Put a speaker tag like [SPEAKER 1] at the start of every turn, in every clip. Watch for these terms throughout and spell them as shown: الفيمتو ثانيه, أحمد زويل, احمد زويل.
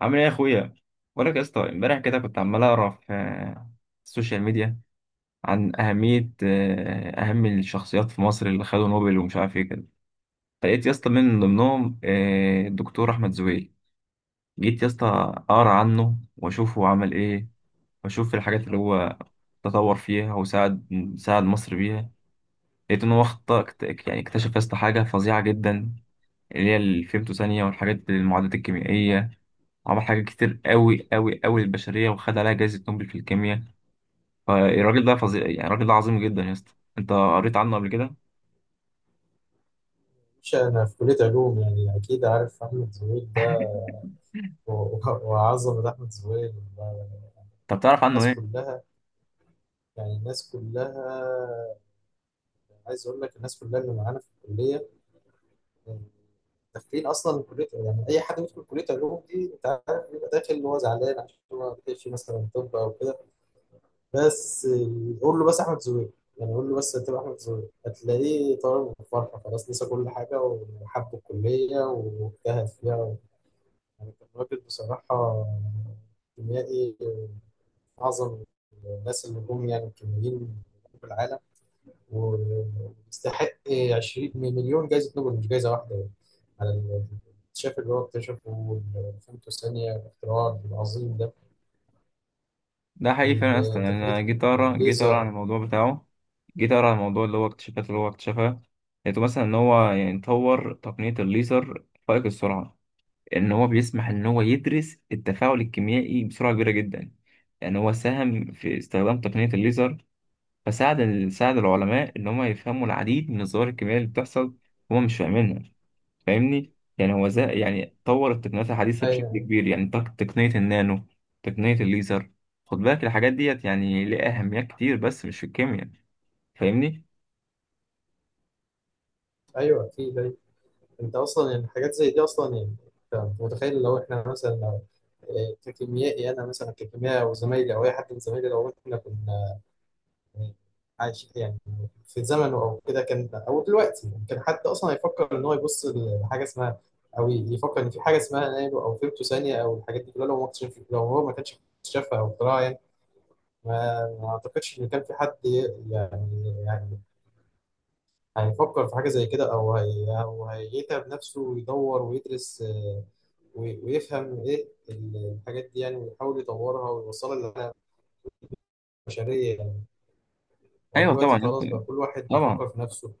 [SPEAKER 1] عامل ايه يا اخويا؟ بقولك يا اسطى، امبارح كده كنت عمال اقرا في السوشيال ميديا عن اهميه اهم الشخصيات في مصر اللي خدوا نوبل ومش عارف ايه كده. فلقيت يا اسطى من ضمنهم الدكتور احمد زويل. جيت يا اسطى اقرا عنه واشوف هو عمل ايه، واشوف الحاجات اللي هو تطور فيها وساعد ساعد مصر بيها. لقيت ان هو اخطا يعني اكتشف يا اسطى حاجه فظيعه جدا، اللي هي الفيمتو ثانيه، والحاجات المعادلات الكيميائيه. عمل حاجات كتير قوي قوي قوي للبشرية، وخد عليها جائزة نوبل في الكيمياء. فالراجل ده فظيع، يعني الراجل ده عظيم جدا يا اسطى. انت قريت عنه قبل كده؟
[SPEAKER 2] مش أنا في كلية علوم، يعني أكيد عارف أحمد زويل ده. و- و- وعظمة أحمد زويل
[SPEAKER 1] طب تعرف عنه
[SPEAKER 2] الناس
[SPEAKER 1] ايه؟
[SPEAKER 2] كلها. يعني الناس كلها، عايز أقول لك الناس كلها اللي معانا في الكلية، يعني داخلين أصلا من كلية، يعني أي حد بيدخل كلية علوم دي أنت عارف بيبقى داخل اللي هو زعلان عشان هو ما بيحبش مثلا طب أو كده. بس قول له بس أحمد زويل، يعني قول له بس هتبقى أحمد زويل هتلاقيه طالع من الفرحة خلاص نسى كل حاجة وحب الكلية واجتهد فيها. يعني كان راجل بصراحة كيميائي أعظم الناس اللي جم، يعني الكيميائيين في العالم، ويستحق 20 مليون جايزة نوبل مش جايزة واحدة، يعني على الاكتشاف اللي هو اكتشفه والفيمتو الثانية الاختراع العظيم ده
[SPEAKER 1] ده حقيقي فعلا يا اسطى، يعني
[SPEAKER 2] والتقنية
[SPEAKER 1] انا جيت اقرا
[SPEAKER 2] الليزر.
[SPEAKER 1] عن الموضوع بتاعه. جيت اقرا عن الموضوع اللي هو اكتشفها. لقيته مثلا ان هو يعني طور تقنية الليزر فائق السرعة، ان هو بيسمح ان هو يدرس التفاعل الكيميائي بسرعة كبيرة جدا. يعني هو ساهم في استخدام تقنية الليزر، فساعد ساعد العلماء إن هم يفهموا العديد من الظواهر الكيميائية اللي بتحصل هم مش فاهمينها. فاهمني؟ يعني هو زي يعني طور التقنيات الحديثة بشكل
[SPEAKER 2] أيوه
[SPEAKER 1] كبير، يعني تقنية النانو، تقنية الليزر. خد بالك الحاجات ديت يعني ليها أهميات كتير، بس مش في الكيمياء. فاهمني؟
[SPEAKER 2] أيوه أكيد أيوه. أنت أصلا يعني حاجات زي دي أصلا يعني، أنت متخيل لو إحنا مثلا ككيميائي أنا مثلا ككيميائي أو زمايلي أو أي حد من زمايلي لو إحنا كنا يعني عايش يعني في زمنه او كده، كان او دلوقتي يعني كان حد اصلا هيفكر ان هو يبص لحاجه اسمها او يفكر ان في حاجه اسمها نانو او فيمتو ثانيه او الحاجات دي كلها؟ لو ما اكتشف، لو هو ما كانش اكتشفها او اختراعها يعني، ما ما اعتقدش ان كان في حد يعني هيفكر في حاجه زي كده او هي او هيتعب نفسه ويدور ويدرس وي- ويفهم ايه الحاجات دي يعني، ويحاول يطورها ويوصلها للبشريه يعني.
[SPEAKER 1] أيوه، طبعا
[SPEAKER 2] ودلوقتي خلاص بقى
[SPEAKER 1] ممكن.
[SPEAKER 2] كل واحد بيفكر
[SPEAKER 1] طبعا،
[SPEAKER 2] في نفسه.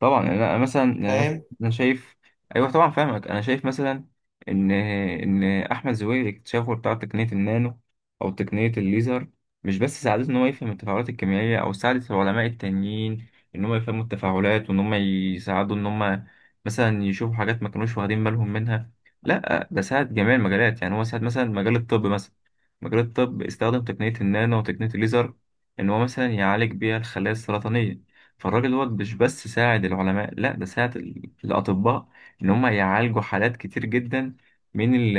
[SPEAKER 1] طبعا، يعني انا مثلا يعني
[SPEAKER 2] فاهم؟
[SPEAKER 1] انا شايف. ايوه طبعا فاهمك. انا شايف مثلا ان احمد زويل اكتشافه بتاع تقنيه النانو او تقنيه الليزر مش بس ساعدته ان هو يفهم التفاعلات الكيميائيه، او ساعدت العلماء التانيين ان هم يفهموا التفاعلات، وان هم يساعدوا ان هم مثلا يشوفوا حاجات ما كانوش واخدين بالهم منها. لا، ده ساعد جميع المجالات. يعني هو ساعد مثلا مجال الطب، مثلا مجال الطب استخدم تقنيه النانو وتقنيه الليزر ان هو مثلا يعالج بيها الخلايا السرطانيه. فالراجل دوت مش بس ساعد العلماء، لا ده ساعد الأطباء إن هم يعالجوا حالات كتير جدا من ال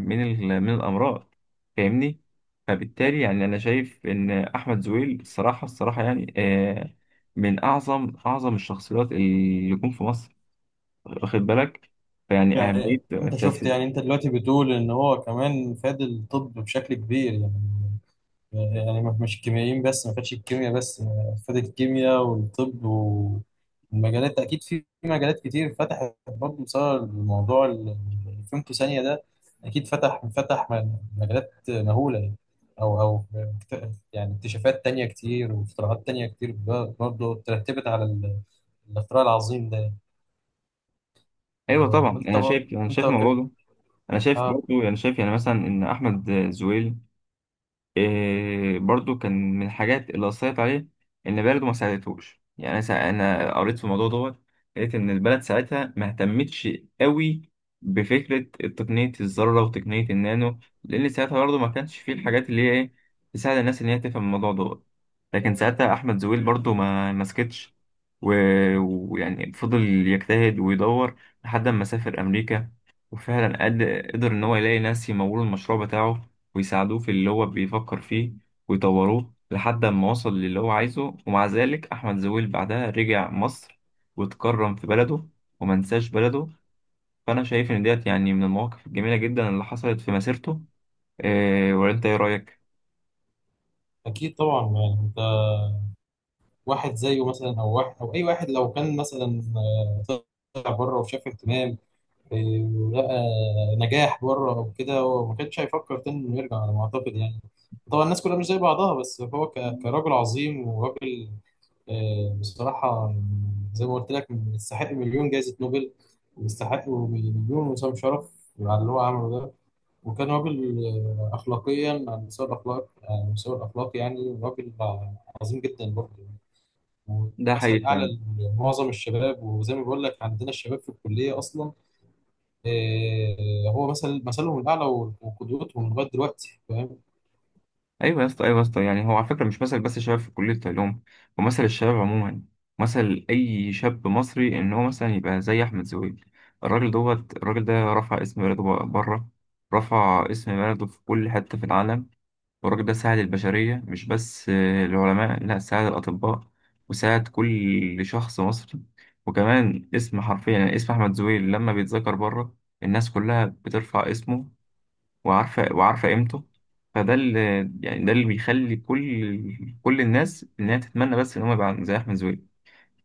[SPEAKER 1] من الأمراض. فاهمني؟ فبالتالي يعني أنا شايف إن أحمد زويل، الصراحة الصراحة يعني، من أعظم أعظم الشخصيات اللي جم في مصر. واخد بالك؟ فيعني أهمية
[SPEAKER 2] يعني انت شفت يعني
[SPEAKER 1] التأثير.
[SPEAKER 2] انت دلوقتي بتقول ان هو كمان فاد الطب بشكل كبير يعني، يعني مش كيميائيين بس، ما فادش الكيمياء بس، فاد الكيمياء والطب والمجالات، اكيد في مجالات كتير فتحت برضه بسبب الموضوع اللي فهمته ثانية ده. اكيد فتح مجالات مهولة يعني، او او يعني اكتشافات تانية كتير واختراعات تانية كتير برضه ترتبت على الاختراع العظيم ده.
[SPEAKER 1] أيوه
[SPEAKER 2] و-
[SPEAKER 1] طبعا،
[SPEAKER 2] وانت
[SPEAKER 1] أنا
[SPEAKER 2] برضه
[SPEAKER 1] شايف أنا شايف الموضوع ده. أنا شايف برضه، أنا شايف يعني مثلا إن أحمد زويل إيه برضو كان من الحاجات اللي أثرت عليه إن بلده ما ساعدتهوش. يعني أنا أنا قريت في الموضوع دوت، لقيت إن البلد ساعتها ما اهتمتش قوي بفكرة تقنية الذرة وتقنية النانو، لأن ساعتها برضو ما كانش فيه الحاجات اللي هي إيه تساعد الناس إن هي تفهم الموضوع دوت. لكن ساعتها أحمد زويل برضو ما مسكتش، و- ويعني فضل يجتهد ويدور لحد ما سافر أمريكا، وفعلا قدر إن هو يلاقي ناس يمولوا المشروع بتاعه ويساعدوه في اللي هو بيفكر فيه ويطوروه لحد ما وصل للي هو عايزه. ومع ذلك أحمد زويل بعدها رجع مصر واتكرم في بلده ومنساش بلده. فأنا شايف إن ديت يعني من المواقف الجميلة جدا اللي حصلت في مسيرته. إيه، ولا أنت إيه رأيك؟
[SPEAKER 2] اكيد طبعا، يعني انت واحد زيه مثلا او واحد او اي واحد لو كان مثلا طلع بره وشاف اهتمام آه، ولقى نجاح بره او كده، هو ما كانش هيفكر تاني انه يرجع على ما اعتقد يعني. طبعا الناس كلها مش زي بعضها، بس هو كراجل عظيم وراجل بصراحه زي ما قلت لك يستحق مليون جائزه نوبل، ويستحق مليون وسام شرف على اللي هو عمله ده. وكان راجل أخلاقيا، على مستوى الأخلاق، على مستوى الأخلاق يعني راجل عظيم جدا برضه يعني.
[SPEAKER 1] ده
[SPEAKER 2] ومثل
[SPEAKER 1] حقيقي
[SPEAKER 2] أعلى
[SPEAKER 1] يعني.
[SPEAKER 2] لمعظم الشباب، وزي ما بقول لك عندنا الشباب في الكلية أصلا هو مثل مثلهم الأعلى وقدوتهم لغاية دلوقتي. فاهم؟
[SPEAKER 1] ايوه يا اسطى، ايوه يا اسطى، يعني هو على فكره مش مثل بس الشباب في كليه العلوم، ومثل الشباب عموما، مثل اي شاب مصري ان هو مثلا يبقى زي احمد زويل. الراجل ده رفع اسم بلده بره، رفع اسم بلده في كل حته في العالم. والراجل ده ساعد البشريه مش بس العلماء، لا ساعد الاطباء وساعد كل شخص مصري. وكمان اسم، حرفيا يعني اسم احمد زويل لما بيتذكر بره، الناس كلها بترفع اسمه، وعارفة قيمته. فده اللي يعني ده اللي بيخلي كل الناس إنها تتمنى بس إن هم يبقى زي أحمد زويل.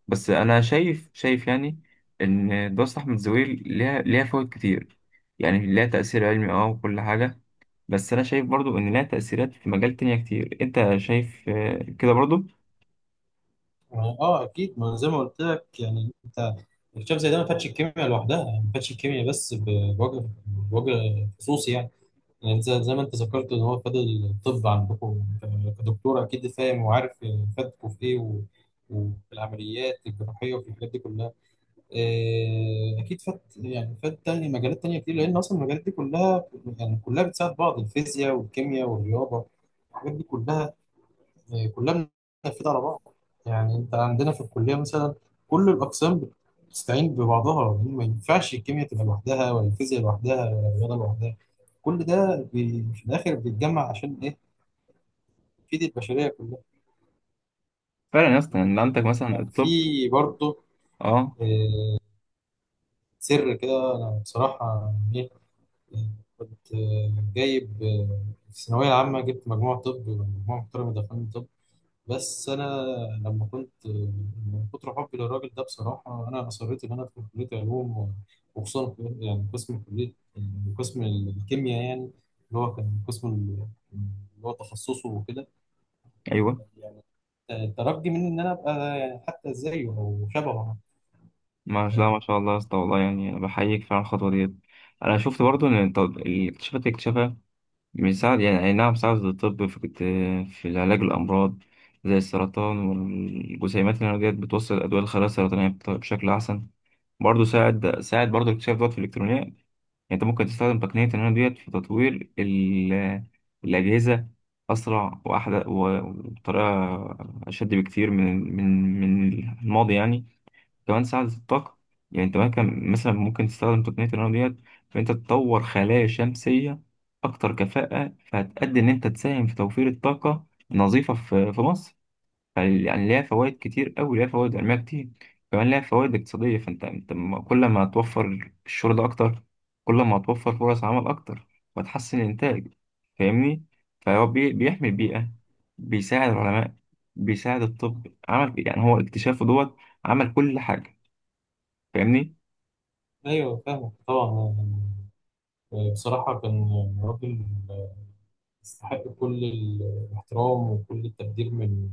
[SPEAKER 1] بس أنا شايف يعني إن دراسة أحمد زويل ليها فوائد كتير، يعني ليها تأثير علمي وكل حاجة. بس أنا شايف برضو إن ليها تأثيرات في مجال تانية كتير. أنت شايف كده برضو؟
[SPEAKER 2] آه أكيد. ما زي ما قلت لك يعني أنت الشاب زي ده ما فاتش الكيمياء لوحدها، ما فاتش الكيمياء بس، بوجه خصوصي يعني. يعني زي ما انت ذكرت ان هو خد الطب عندكم، يعني انت كدكتور اكيد فاهم وعارف فادكم في ايه و... وفي العمليات الجراحيه وفي الحاجات دي كلها. إيه، اكيد فات يعني فات تاني مجالات تانيه كتير، لان اصلا المجالات دي كلها يعني كلها بتساعد بعض، الفيزياء والكيمياء والرياضه الحاجات دي كلها يعني كلها بننفذها على بعض. يعني انت عندنا في الكليه مثلا كل الاقسام بتستعين ببعضها، ما ينفعش الكيمياء تبقى لوحدها ولا الفيزياء لوحدها ولا الرياضه لوحدها. كل ده في الاخر بيتجمع عشان ايه؟ تفيد البشريه كلها.
[SPEAKER 1] فعلا يا اسطى، إن عندك مثلا
[SPEAKER 2] ويعني
[SPEAKER 1] الطب.
[SPEAKER 2] في برضه
[SPEAKER 1] أه.
[SPEAKER 2] آه، سر كده، انا بصراحه ايه، آه، كنت جايب في الثانويه العامه جبت مجموع طب، مجموع محترم دخلني طب، بس انا لما كنت من كتر حبي للراجل ده بصراحه انا اصريت ان انا ادخل كليه علوم وخصوصا يعني قسم كليه يعني قسم الكيمياء يعني، اللي هو كان قسم اللي هو تخصصه وكده.
[SPEAKER 1] أيوه،
[SPEAKER 2] يعني ترجي مني ان انا ابقى يعني حتى زيه او شبهه حتى،
[SPEAKER 1] ما لا
[SPEAKER 2] فاهم؟
[SPEAKER 1] ما شاء الله يا اسطى، والله يعني أنا بحييك فعلا على الخطوة ديت. أنا شفت برضو إن الاكتشافات اللي اكتشفها بيساعد، يعني أي نعم ساعد الطب في العلاج الأمراض زي السرطان، والجسيمات النووية ديت بتوصل الأدوية للخلايا السرطانية بشكل أحسن. برضه ساعد برضه اكتشاف دوت في الإلكترونيات. يعني أنت ممكن تستخدم تقنية النانو ديت في تطوير الأجهزة، أسرع وأحدث وبطريقة أشد بكتير من الماضي يعني. كمان ساعة الطاقة، يعني أنت ممكن مثلا ممكن تستخدم تقنية النانو ديت في أنت تطور خلايا شمسية أكتر كفاءة، فهتأدي إن أنت تساهم في توفير الطاقة النظيفة في مصر. يعني ليها فوائد كتير أوي، ليها فوائد علمية كتير، كمان ليها فوائد اقتصادية. فأنت كل ما هتوفر الشغل ده أكتر، كل ما هتوفر فرص عمل أكتر وتحسن الإنتاج. فاهمني؟ فهو بيحمي
[SPEAKER 2] مم.
[SPEAKER 1] البيئة، بيساعد العلماء، بيساعد الطب. عمل يعني هو اكتشافه دوت عمل كل حاجة. فاهمني؟
[SPEAKER 2] ايوه فاهمك طبعا يعني، بصراحة كان راجل يستحق كل الاحترام وكل التقدير من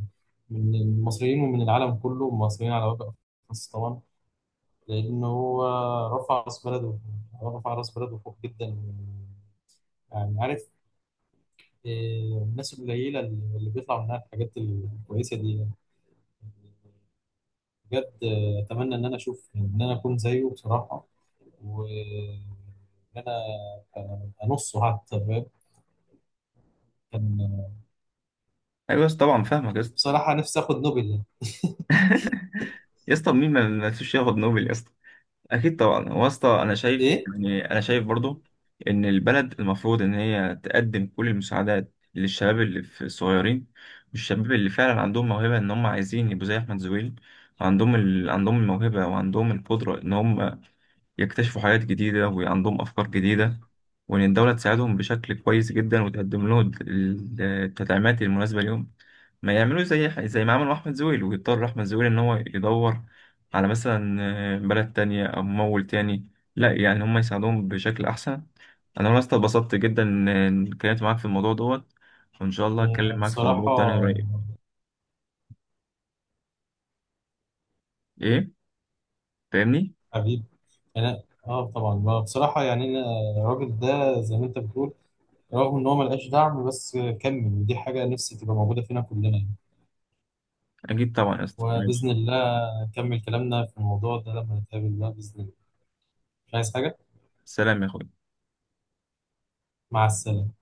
[SPEAKER 2] من المصريين ومن العالم كله، المصريين على وجه الخاص طبعا، لأن هو رفع رأس بلده، رفع رأس بلده فوق جدا. يعني عارف آه، الناس القليلة اللي بيطلع منها الحاجات الكويسة دي يعني. بجد أتمنى إن أنا أشوف إن أنا أكون زيه بصراحة، وإن أنا أنصه حتى، فاهم؟ كان
[SPEAKER 1] ايوه يا اسطى، طبعا فاهمك يا اسطى.
[SPEAKER 2] بصراحة نفسي آخد نوبل.
[SPEAKER 1] يا اسطى، مين ما نفسوش ياخد نوبل يا اسطى؟ اكيد طبعا. هو يا اسطى، انا شايف
[SPEAKER 2] ايه
[SPEAKER 1] يعني انا شايف برضو ان البلد المفروض ان هي تقدم كل المساعدات للشباب اللي في الصغيرين، والشباب اللي فعلا عندهم موهبه ان هم عايزين يبقوا زي احمد زويل، وعندهم عندهم الموهبه، وعندهم القدره ان هم يكتشفوا حاجات جديدة، وعندهم أفكار جديدة. وإن الدولة تساعدهم بشكل كويس جدا، وتقدم لهم التدعيمات المناسبة ليهم. ما يعملوش زي ما عملوا أحمد زويل، ويضطر أحمد زويل إن هو يدور على مثلا بلد تانية أو ممول تاني. لا، يعني هم يساعدوهم بشكل أحسن. أنا والله أصلا اتبسطت جدا إن اتكلمت معاك في الموضوع دوت، وإن شاء الله أتكلم معاك في
[SPEAKER 2] بصراحة
[SPEAKER 1] موضوع تاني قريب. إيه؟ فاهمني؟
[SPEAKER 2] حبيب، أنا آه طبعا ما بصراحة يعني أنا الراجل ده زي ما أنت بتقول رغم إن هو ملقاش دعم بس كمل، ودي حاجة نفسي تبقى موجودة فينا كلنا يعني.
[SPEAKER 1] أكيد طبعا يا أسطى، ماشي.
[SPEAKER 2] وبإذن الله نكمل كلامنا في الموضوع ده لما نتقابل بقى بإذن الله. مش عايز حاجة.
[SPEAKER 1] سلام يا أخوي.
[SPEAKER 2] مع السلامة.